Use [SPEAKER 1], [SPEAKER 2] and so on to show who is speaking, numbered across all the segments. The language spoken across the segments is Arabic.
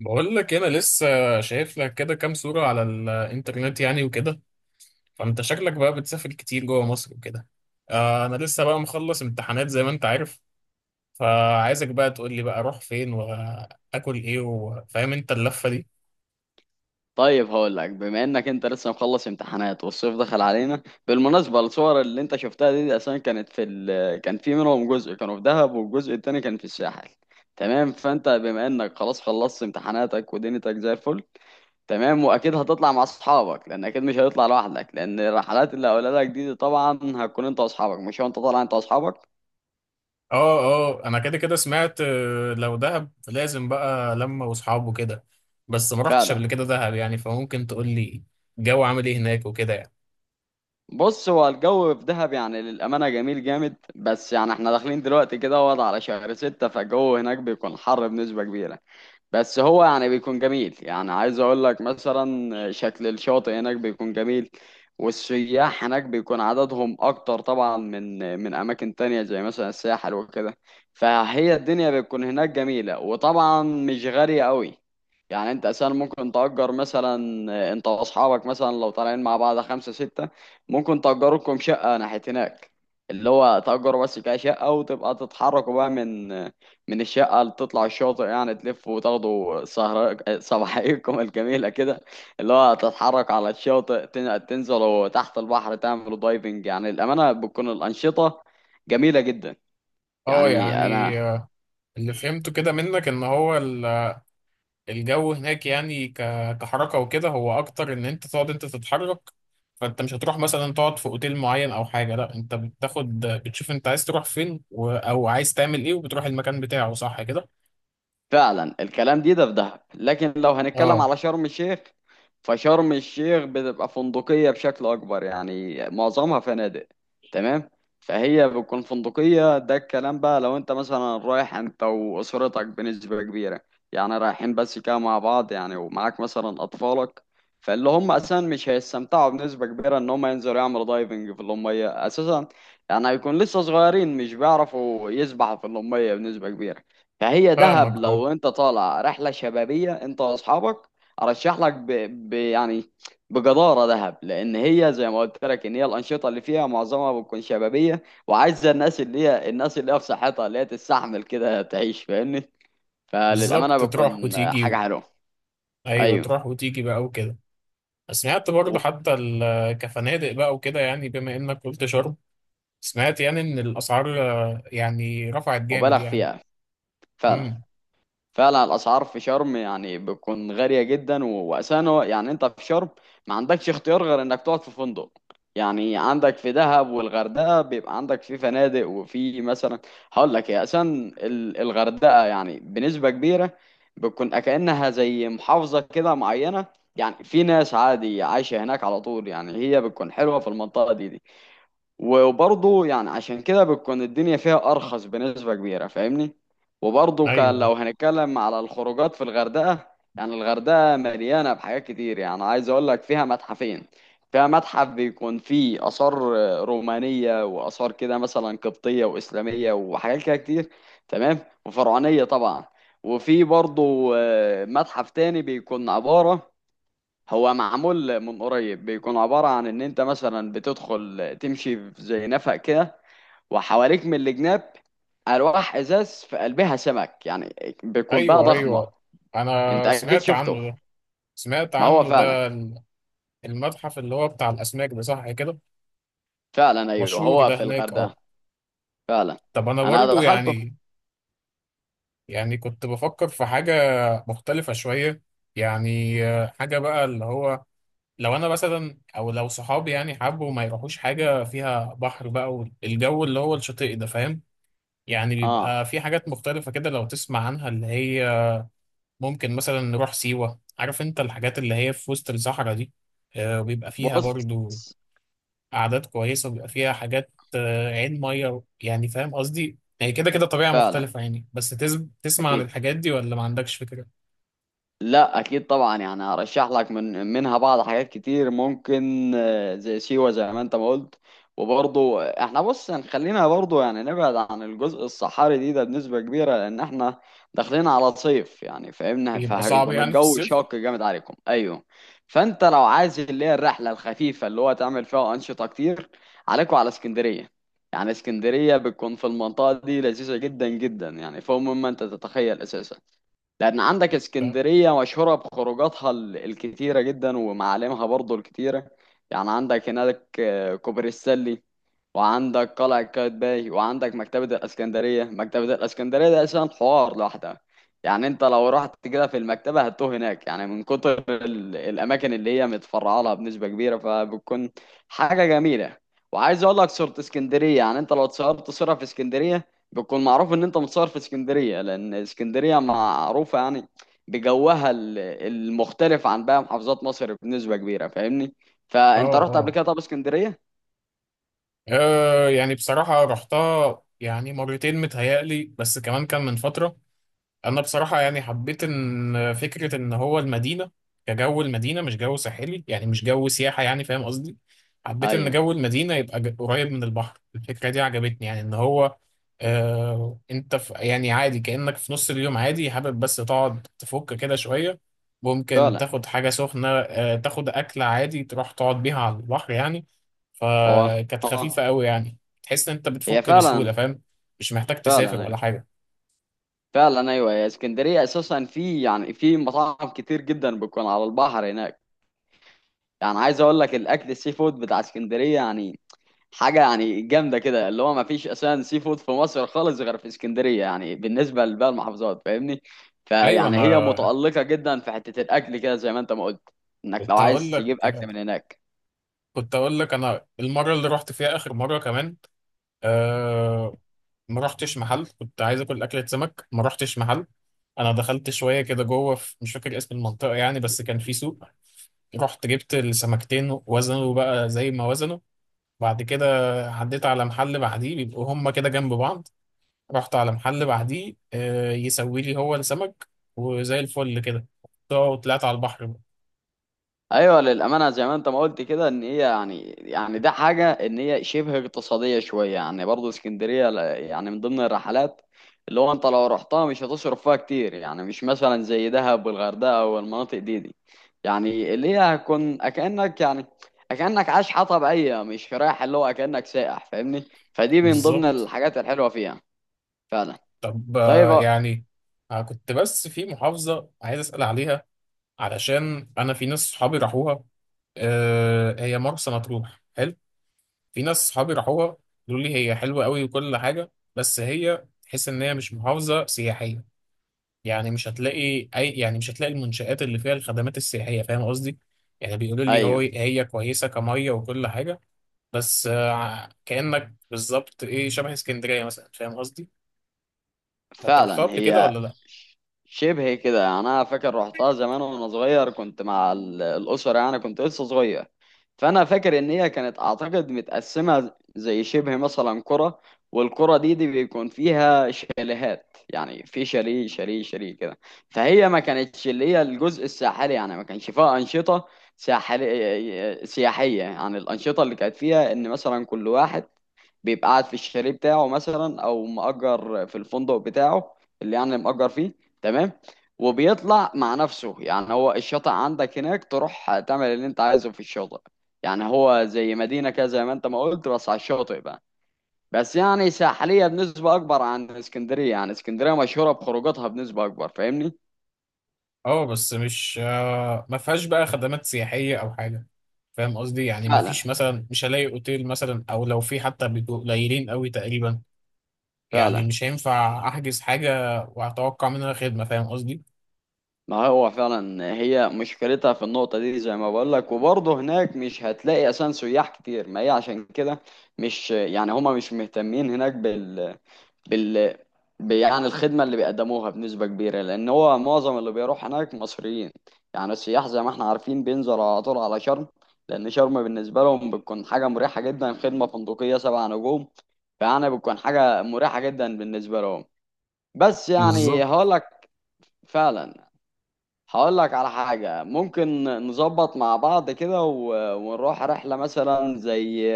[SPEAKER 1] بقول لك انا لسه شايف لك كده كام صورة على الانترنت يعني وكده. فانت شكلك بقى بتسافر كتير جوه مصر وكده. آه، انا لسه بقى مخلص امتحانات زي ما انت عارف. فعايزك بقى تقول لي بقى اروح فين واكل ايه، وفاهم انت اللفة دي.
[SPEAKER 2] طيب، هقول لك بما انك انت لسه مخلص امتحانات والصيف دخل علينا. بالمناسبه الصور اللي انت شفتها دي، دي اصلا كانت كان في منهم جزء كانوا في دهب والجزء التاني كان في الساحل. تمام، فانت بما انك خلاص خلصت امتحاناتك ودنيتك زي الفل. تمام، واكيد هتطلع مع اصحابك، لان اكيد مش هتطلع لوحدك، لان الرحلات اللي هقولها لك دي، دي طبعا هتكون انت واصحابك، مش هو انت طالع، انت واصحابك.
[SPEAKER 1] اه اه، انا كده كده سمعت. لو دهب لازم بقى لما واصحابه كده، بس ما رحتش
[SPEAKER 2] فعلا.
[SPEAKER 1] قبل كده دهب يعني، فممكن تقول لي الجو عامل ايه هناك وكده يعني.
[SPEAKER 2] بص، هو الجو في دهب يعني للأمانة جميل جامد، بس يعني احنا داخلين دلوقتي كده وضع على شهر 6، فالجو هناك بيكون حر بنسبة كبيرة. بس هو يعني بيكون جميل، يعني عايز اقول لك مثلا شكل الشاطئ هناك بيكون جميل. والسياح هناك بيكون عددهم اكتر طبعا من اماكن تانية زي مثلا الساحل وكده. فهي الدنيا بتكون هناك جميلة، وطبعا مش غالية قوي. يعني انت اساسا ممكن تأجر، مثلا انت واصحابك مثلا لو طالعين مع بعض خمسة ستة، ممكن تأجروا لكم شقة ناحية هناك. اللي هو تأجروا بس كده شقة، وتبقى تتحركوا بقى من الشقة اللي تطلع الشاطئ. يعني تلف وتاخدوا سهر صباحيكم الجميلة كده، اللي هو تتحرك على الشاطئ، تنزلوا تحت البحر تعملوا دايفنج. يعني الأمانة بتكون الأنشطة جميلة جدا.
[SPEAKER 1] اه
[SPEAKER 2] يعني
[SPEAKER 1] يعني،
[SPEAKER 2] أنا.
[SPEAKER 1] اللي فهمته كده منك ان هو الجو هناك يعني كحركة وكده، هو أكتر إن أنت تقعد أنت تتحرك. فأنت مش هتروح مثلا تقعد في أوتيل معين أو حاجة، لأ، أنت بتاخد بتشوف أنت عايز تروح فين أو عايز تعمل إيه وبتروح المكان بتاعه، صح كده؟
[SPEAKER 2] فعلا، الكلام ده في دهب، لكن لو هنتكلم
[SPEAKER 1] أه.
[SPEAKER 2] على شرم الشيخ، فشرم الشيخ بتبقى فندقية بشكل أكبر، يعني معظمها فنادق. تمام. فهي بتكون فندقية، ده الكلام بقى لو أنت مثلا رايح أنت وأسرتك بنسبة كبيرة. يعني رايحين بس كده مع بعض، يعني ومعاك مثلا أطفالك، فاللي هم أساسا مش هيستمتعوا بنسبة كبيرة إن هم ينزلوا يعملوا دايفنج في المية أساسا. يعني هيكون لسه صغيرين، مش بيعرفوا يسبحوا في المية بنسبة كبيرة. فهي دهب
[SPEAKER 1] فاهمك، أه.
[SPEAKER 2] لو انت طالع رحله شبابيه انت واصحابك، ارشح لك يعني بجداره دهب. لان هي زي ما قلت لك ان هي الانشطه اللي فيها معظمها بتكون شبابيه، وعايزه الناس اللي هي في صحتها اللي هي تستحمل كده تعيش، فاهمني. فللامانه
[SPEAKER 1] بالظبط،
[SPEAKER 2] بتكون
[SPEAKER 1] تروح وتيجي.
[SPEAKER 2] حاجه حلوه.
[SPEAKER 1] أيوه،
[SPEAKER 2] ايوه.
[SPEAKER 1] تروح وتيجي بقى وكده. سمعت برضه
[SPEAKER 2] و-
[SPEAKER 1] حتى كفنادق بقى وكده يعني، بما إنك قلت شرم، سمعت يعني إن الأسعار، يعني رفعت جامد
[SPEAKER 2] مبالغ
[SPEAKER 1] يعني.
[SPEAKER 2] فيها. فعلا،
[SPEAKER 1] امم.
[SPEAKER 2] فعلا. الاسعار في شرم يعني بتكون غاليه جدا، يعني انت في شرم ما عندكش اختيار غير انك تقعد في فندق. يعني عندك في دهب والغردقه بيبقى عندك في فنادق، وفي مثلا، هقول لك يا اساسا الغردقه يعني بنسبه كبيره بتكون كانها زي محافظه كده معينه. يعني في ناس عادي عايشه هناك على طول، يعني هي بتكون حلوه في المنطقه دي. وبرضه يعني عشان كده بتكون الدنيا فيها أرخص بنسبة كبيرة، فاهمني. وبرضه كان
[SPEAKER 1] أيوه،
[SPEAKER 2] لو هنتكلم على الخروجات في الغردقة، يعني الغردقة مليانة بحاجات كتير. يعني عايز أقول لك فيها متحفين. فيها متحف بيكون فيه آثار رومانية، وآثار كده مثلا قبطية وإسلامية وحاجات كده كتير، تمام، وفرعونية طبعا. وفي برضه متحف تاني بيكون عبارة، هو معمول من قريب، بيكون عبارة عن إن أنت مثلا بتدخل تمشي في زي نفق كده، وحواليك من الجناب ألواح إزاز في قلبها سمك. يعني بيكون بقى
[SPEAKER 1] ايوه،
[SPEAKER 2] ضخمة.
[SPEAKER 1] ايوه،
[SPEAKER 2] أنت
[SPEAKER 1] انا
[SPEAKER 2] أكيد
[SPEAKER 1] سمعت
[SPEAKER 2] شفته.
[SPEAKER 1] عنه ده. سمعت
[SPEAKER 2] ما هو
[SPEAKER 1] عنه ده،
[SPEAKER 2] فعلا.
[SPEAKER 1] المتحف اللي هو بتاع الاسماك ده، صح كده؟
[SPEAKER 2] فعلا أيوه،
[SPEAKER 1] مشهور
[SPEAKER 2] هو
[SPEAKER 1] ده
[SPEAKER 2] في
[SPEAKER 1] هناك، اه.
[SPEAKER 2] الغردقة. فعلا.
[SPEAKER 1] طب انا
[SPEAKER 2] أنا
[SPEAKER 1] برضو
[SPEAKER 2] دخلته.
[SPEAKER 1] يعني، يعني كنت بفكر في حاجه مختلفه شويه. يعني حاجه بقى، اللي هو لو انا مثلا او لو صحابي يعني حبوا ما يروحوش حاجه فيها بحر بقى، والجو اللي هو الشاطئ ده، فاهم؟ يعني
[SPEAKER 2] آه
[SPEAKER 1] بيبقى في حاجات مختلفه كده لو تسمع عنها، اللي هي ممكن مثلا نروح سيوة، عارف انت الحاجات اللي هي في وسط الصحراء دي. وبيبقى فيها
[SPEAKER 2] بص.
[SPEAKER 1] برضو أعداد كويسة، وبيبقى فيها حاجات، عين مية يعني، فاهم قصدي، هي كده كده طبيعة
[SPEAKER 2] فعلا.
[SPEAKER 1] مختلفة يعني. بس تسمع عن
[SPEAKER 2] أكيد.
[SPEAKER 1] الحاجات دي، ولا ما عندكش فكرة؟
[SPEAKER 2] لا، اكيد طبعا، يعني هرشح لك منها بعض حاجات كتير ممكن، زي سيوة زي ما انت ما قلت. وبرضه احنا بص، يعني خلينا برضه يعني نبعد عن الجزء الصحاري ده بنسبة كبيرة، لان احنا داخلين على صيف، يعني فاهمنا،
[SPEAKER 1] بيبقى صعب
[SPEAKER 2] فهيكون
[SPEAKER 1] يعني في
[SPEAKER 2] الجو
[SPEAKER 1] الصيف.
[SPEAKER 2] شاق جامد عليكم. ايوه. فانت لو عايز اللي هي الرحلة الخفيفة اللي هو تعمل فيها انشطة كتير، عليكم على اسكندرية. يعني اسكندرية بتكون في المنطقة دي لذيذة جدا جدا، يعني فوق مما انت تتخيل اساسا. لأن عندك
[SPEAKER 1] اه.
[SPEAKER 2] اسكندرية مشهورة بخروجاتها الكتيرة جدا، ومعالمها برضو الكتيرة. يعني عندك هناك كوبري السلي، وعندك قلعة قايتباي، وعندك مكتبة الإسكندرية. مكتبة الإسكندرية ده أساسا حوار لوحدها، يعني أنت لو رحت كده في المكتبة هتتوه هناك، يعني من كتر الأماكن اللي هي متفرعة لها بنسبة كبيرة، فبتكون حاجة جميلة. وعايز أقول لك صورة اسكندرية، يعني أنت لو اتصورت صورة في اسكندرية، بيكون معروف ان انت متصور في اسكندريه، لان اسكندريه معروفه يعني بجوها المختلف عن باقي محافظات مصر بنسبه كبيره، فاهمني. فانت رحت قبل
[SPEAKER 1] اه،
[SPEAKER 2] كده طب اسكندريه؟
[SPEAKER 1] يعني بصراحة رحتها يعني مرتين متهيألي، بس كمان كان من فترة. انا بصراحه يعني حبيت ان فكره ان هو المدينه كجو المدينه، مش جو ساحلي يعني، مش جو سياحه يعني، فاهم قصدي؟ حبيت ان
[SPEAKER 2] ايوه،
[SPEAKER 1] جو المدينه يبقى قريب من البحر، الفكره دي عجبتني يعني، ان هو انت في يعني عادي كانك في نص اليوم عادي، حابب بس تقعد تفك كده شويه، ممكن
[SPEAKER 2] فعلا.
[SPEAKER 1] تاخد حاجه سخنه، تاخد اكله عادي تروح تقعد بيها على البحر يعني.
[SPEAKER 2] هو
[SPEAKER 1] فكانت خفيفه
[SPEAKER 2] اه،
[SPEAKER 1] قوي يعني، تحس ان انت
[SPEAKER 2] هي
[SPEAKER 1] بتفك
[SPEAKER 2] فعلا.
[SPEAKER 1] بسهوله، فاهم، مش محتاج تسافر
[SPEAKER 2] فعلا
[SPEAKER 1] ولا
[SPEAKER 2] ايوه.
[SPEAKER 1] حاجه.
[SPEAKER 2] فعلا ايوه، هي اسكندريه اساسا في مطاعم كتير جدا بتكون على البحر هناك. يعني عايز اقول لك الاكل السي فود بتاع اسكندريه يعني حاجه يعني جامده كده، اللي هو ما فيش اساسا سي فود في مصر خالص غير في اسكندريه، يعني بالنسبه لباقي المحافظات، فاهمني.
[SPEAKER 1] ايوه.
[SPEAKER 2] فيعني
[SPEAKER 1] انا
[SPEAKER 2] هي متالقه جدا في حته الاكل كده، زي ما انت ما قلت انك لو
[SPEAKER 1] كنت هقول
[SPEAKER 2] عايز
[SPEAKER 1] لك،
[SPEAKER 2] تجيب اكل من هناك.
[SPEAKER 1] انا المره اللي رحت فيها اخر مره كمان، آه ما رحتش محل كنت عايز اكل اكله سمك، ما رحتش محل. انا دخلت شويه كده جوه في، مش فاكر اسم المنطقه يعني، بس كان في سوق، رحت جبت السمكتين وزنوا بقى زي ما وزنوا، بعد كده عديت على محل بعديه، بيبقوا هما كده جنب بعض، رحت على محل بعديه، يسوي لي هو السمك، وزي الفل كده طلعت على البحر.
[SPEAKER 2] ايوه للامانه، زي ما انت ما قلت كده، ان هي يعني ده حاجه ان هي شبه اقتصاديه شويه. يعني برضه اسكندريه يعني من ضمن الرحلات، اللي هو انت لو رحتها مش هتصرف فيها كتير، يعني مش مثلا زي دهب والغردقه والمناطق دي. يعني اللي هي هتكون اكانك، يعني اكانك عايش حياه طبيعيه، مش رايح اللي هو اكانك سائح، فاهمني. فدي من ضمن
[SPEAKER 1] بالظبط.
[SPEAKER 2] الحاجات الحلوه فيها. فعلا.
[SPEAKER 1] طب،
[SPEAKER 2] طيب
[SPEAKER 1] يعني، كنت بس في محافظة عايز أسأل عليها، علشان أنا في ناس صحابي راحوها، هي مرسى مطروح حلو، في ناس صحابي راحوها، قالوا لي هي حلوة قوي وكل حاجة، بس هي تحس إن هي مش محافظة سياحية. يعني مش هتلاقي أي يعني مش هتلاقي المنشآت اللي فيها الخدمات السياحية، فاهم قصدي؟ يعني بيقولوا لي هو
[SPEAKER 2] ايوه،
[SPEAKER 1] هي كويسة كمية وكل حاجة، بس كأنك بالظبط إيه، شبه اسكندرية مثلا، فاهم قصدي؟ أنت رحتها
[SPEAKER 2] فعلا.
[SPEAKER 1] قبل كده
[SPEAKER 2] هي
[SPEAKER 1] ولا لأ؟
[SPEAKER 2] شبه كده، يعني انا فاكر رحتها زمان وانا صغير، كنت مع الاسره، يعني كنت لسه صغير. فانا فاكر ان هي كانت اعتقد متقسمه زي شبه مثلا قرى، والقرى دي بيكون فيها شاليهات. يعني في شاليه شاليه شاليه كده. فهي ما كانتش اللي هي الجزء الساحلي، يعني ما كانش فيها انشطه ساحليه سياحيه. يعني الانشطه اللي كانت فيها ان مثلا كل واحد بيبقى قاعد في الشاليه بتاعه، مثلا او مأجر في الفندق بتاعه اللي يعني مأجر فيه. تمام. وبيطلع مع نفسه، يعني هو الشاطئ عندك هناك، تروح تعمل اللي انت عايزه في الشاطئ. يعني هو زي مدينة كده زي ما انت ما قلت، بس على الشاطئ بقى. بس يعني ساحلية بنسبة أكبر عن اسكندرية، يعني اسكندرية مشهورة بخروجاتها بنسبة أكبر، فاهمني؟
[SPEAKER 1] اه، بس مش آه، ما فيهاش بقى خدمات سياحية او حاجة، فاهم قصدي، يعني ما فيش
[SPEAKER 2] فعلا.
[SPEAKER 1] مثلا، مش هلاقي اوتيل مثلا، او لو في حتى بيبقوا قليلين قوي تقريبا، يعني
[SPEAKER 2] فعلا
[SPEAKER 1] مش هينفع احجز حاجة واتوقع منها خدمة، فاهم قصدي.
[SPEAKER 2] ما هو فعلا، هي مشكلتها في النقطة دي زي ما بقول لك. وبرضه هناك مش هتلاقي أساسا سياح كتير، ما هي عشان كده. مش يعني هما مش مهتمين هناك بال يعني الخدمة اللي بيقدموها بنسبة كبيرة، لأن هو معظم اللي بيروح هناك مصريين. يعني السياح زي ما احنا عارفين بينزلوا على طول على شرم، لأن شرم بالنسبة لهم بتكون حاجة مريحة جدا، خدمة فندقية 7 نجوم. فيعني بتكون حاجة مريحة جدا بالنسبة لهم. بس يعني
[SPEAKER 1] بالظبط.
[SPEAKER 2] هقول لك. فعلا. هقول لك على حاجة ممكن نظبط مع بعض كده، ونروح رحلة مثلا زي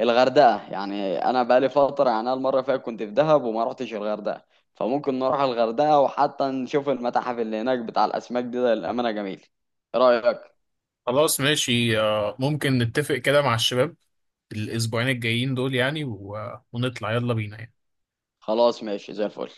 [SPEAKER 2] الغردقة. يعني أنا بقالي فترة، يعني أنا المرة اللي فاتت كنت في دهب وما رحتش الغردقة. فممكن نروح الغردقة وحتى نشوف المتاحف اللي هناك بتاع الأسماك ده للأمانة جميل. إيه رأيك؟
[SPEAKER 1] خلاص ماشي، ممكن نتفق كده مع الشباب الاسبوعين الجايين دول يعني، ونطلع يلا بينا يعني.
[SPEAKER 2] خلاص ماشي زي الفل.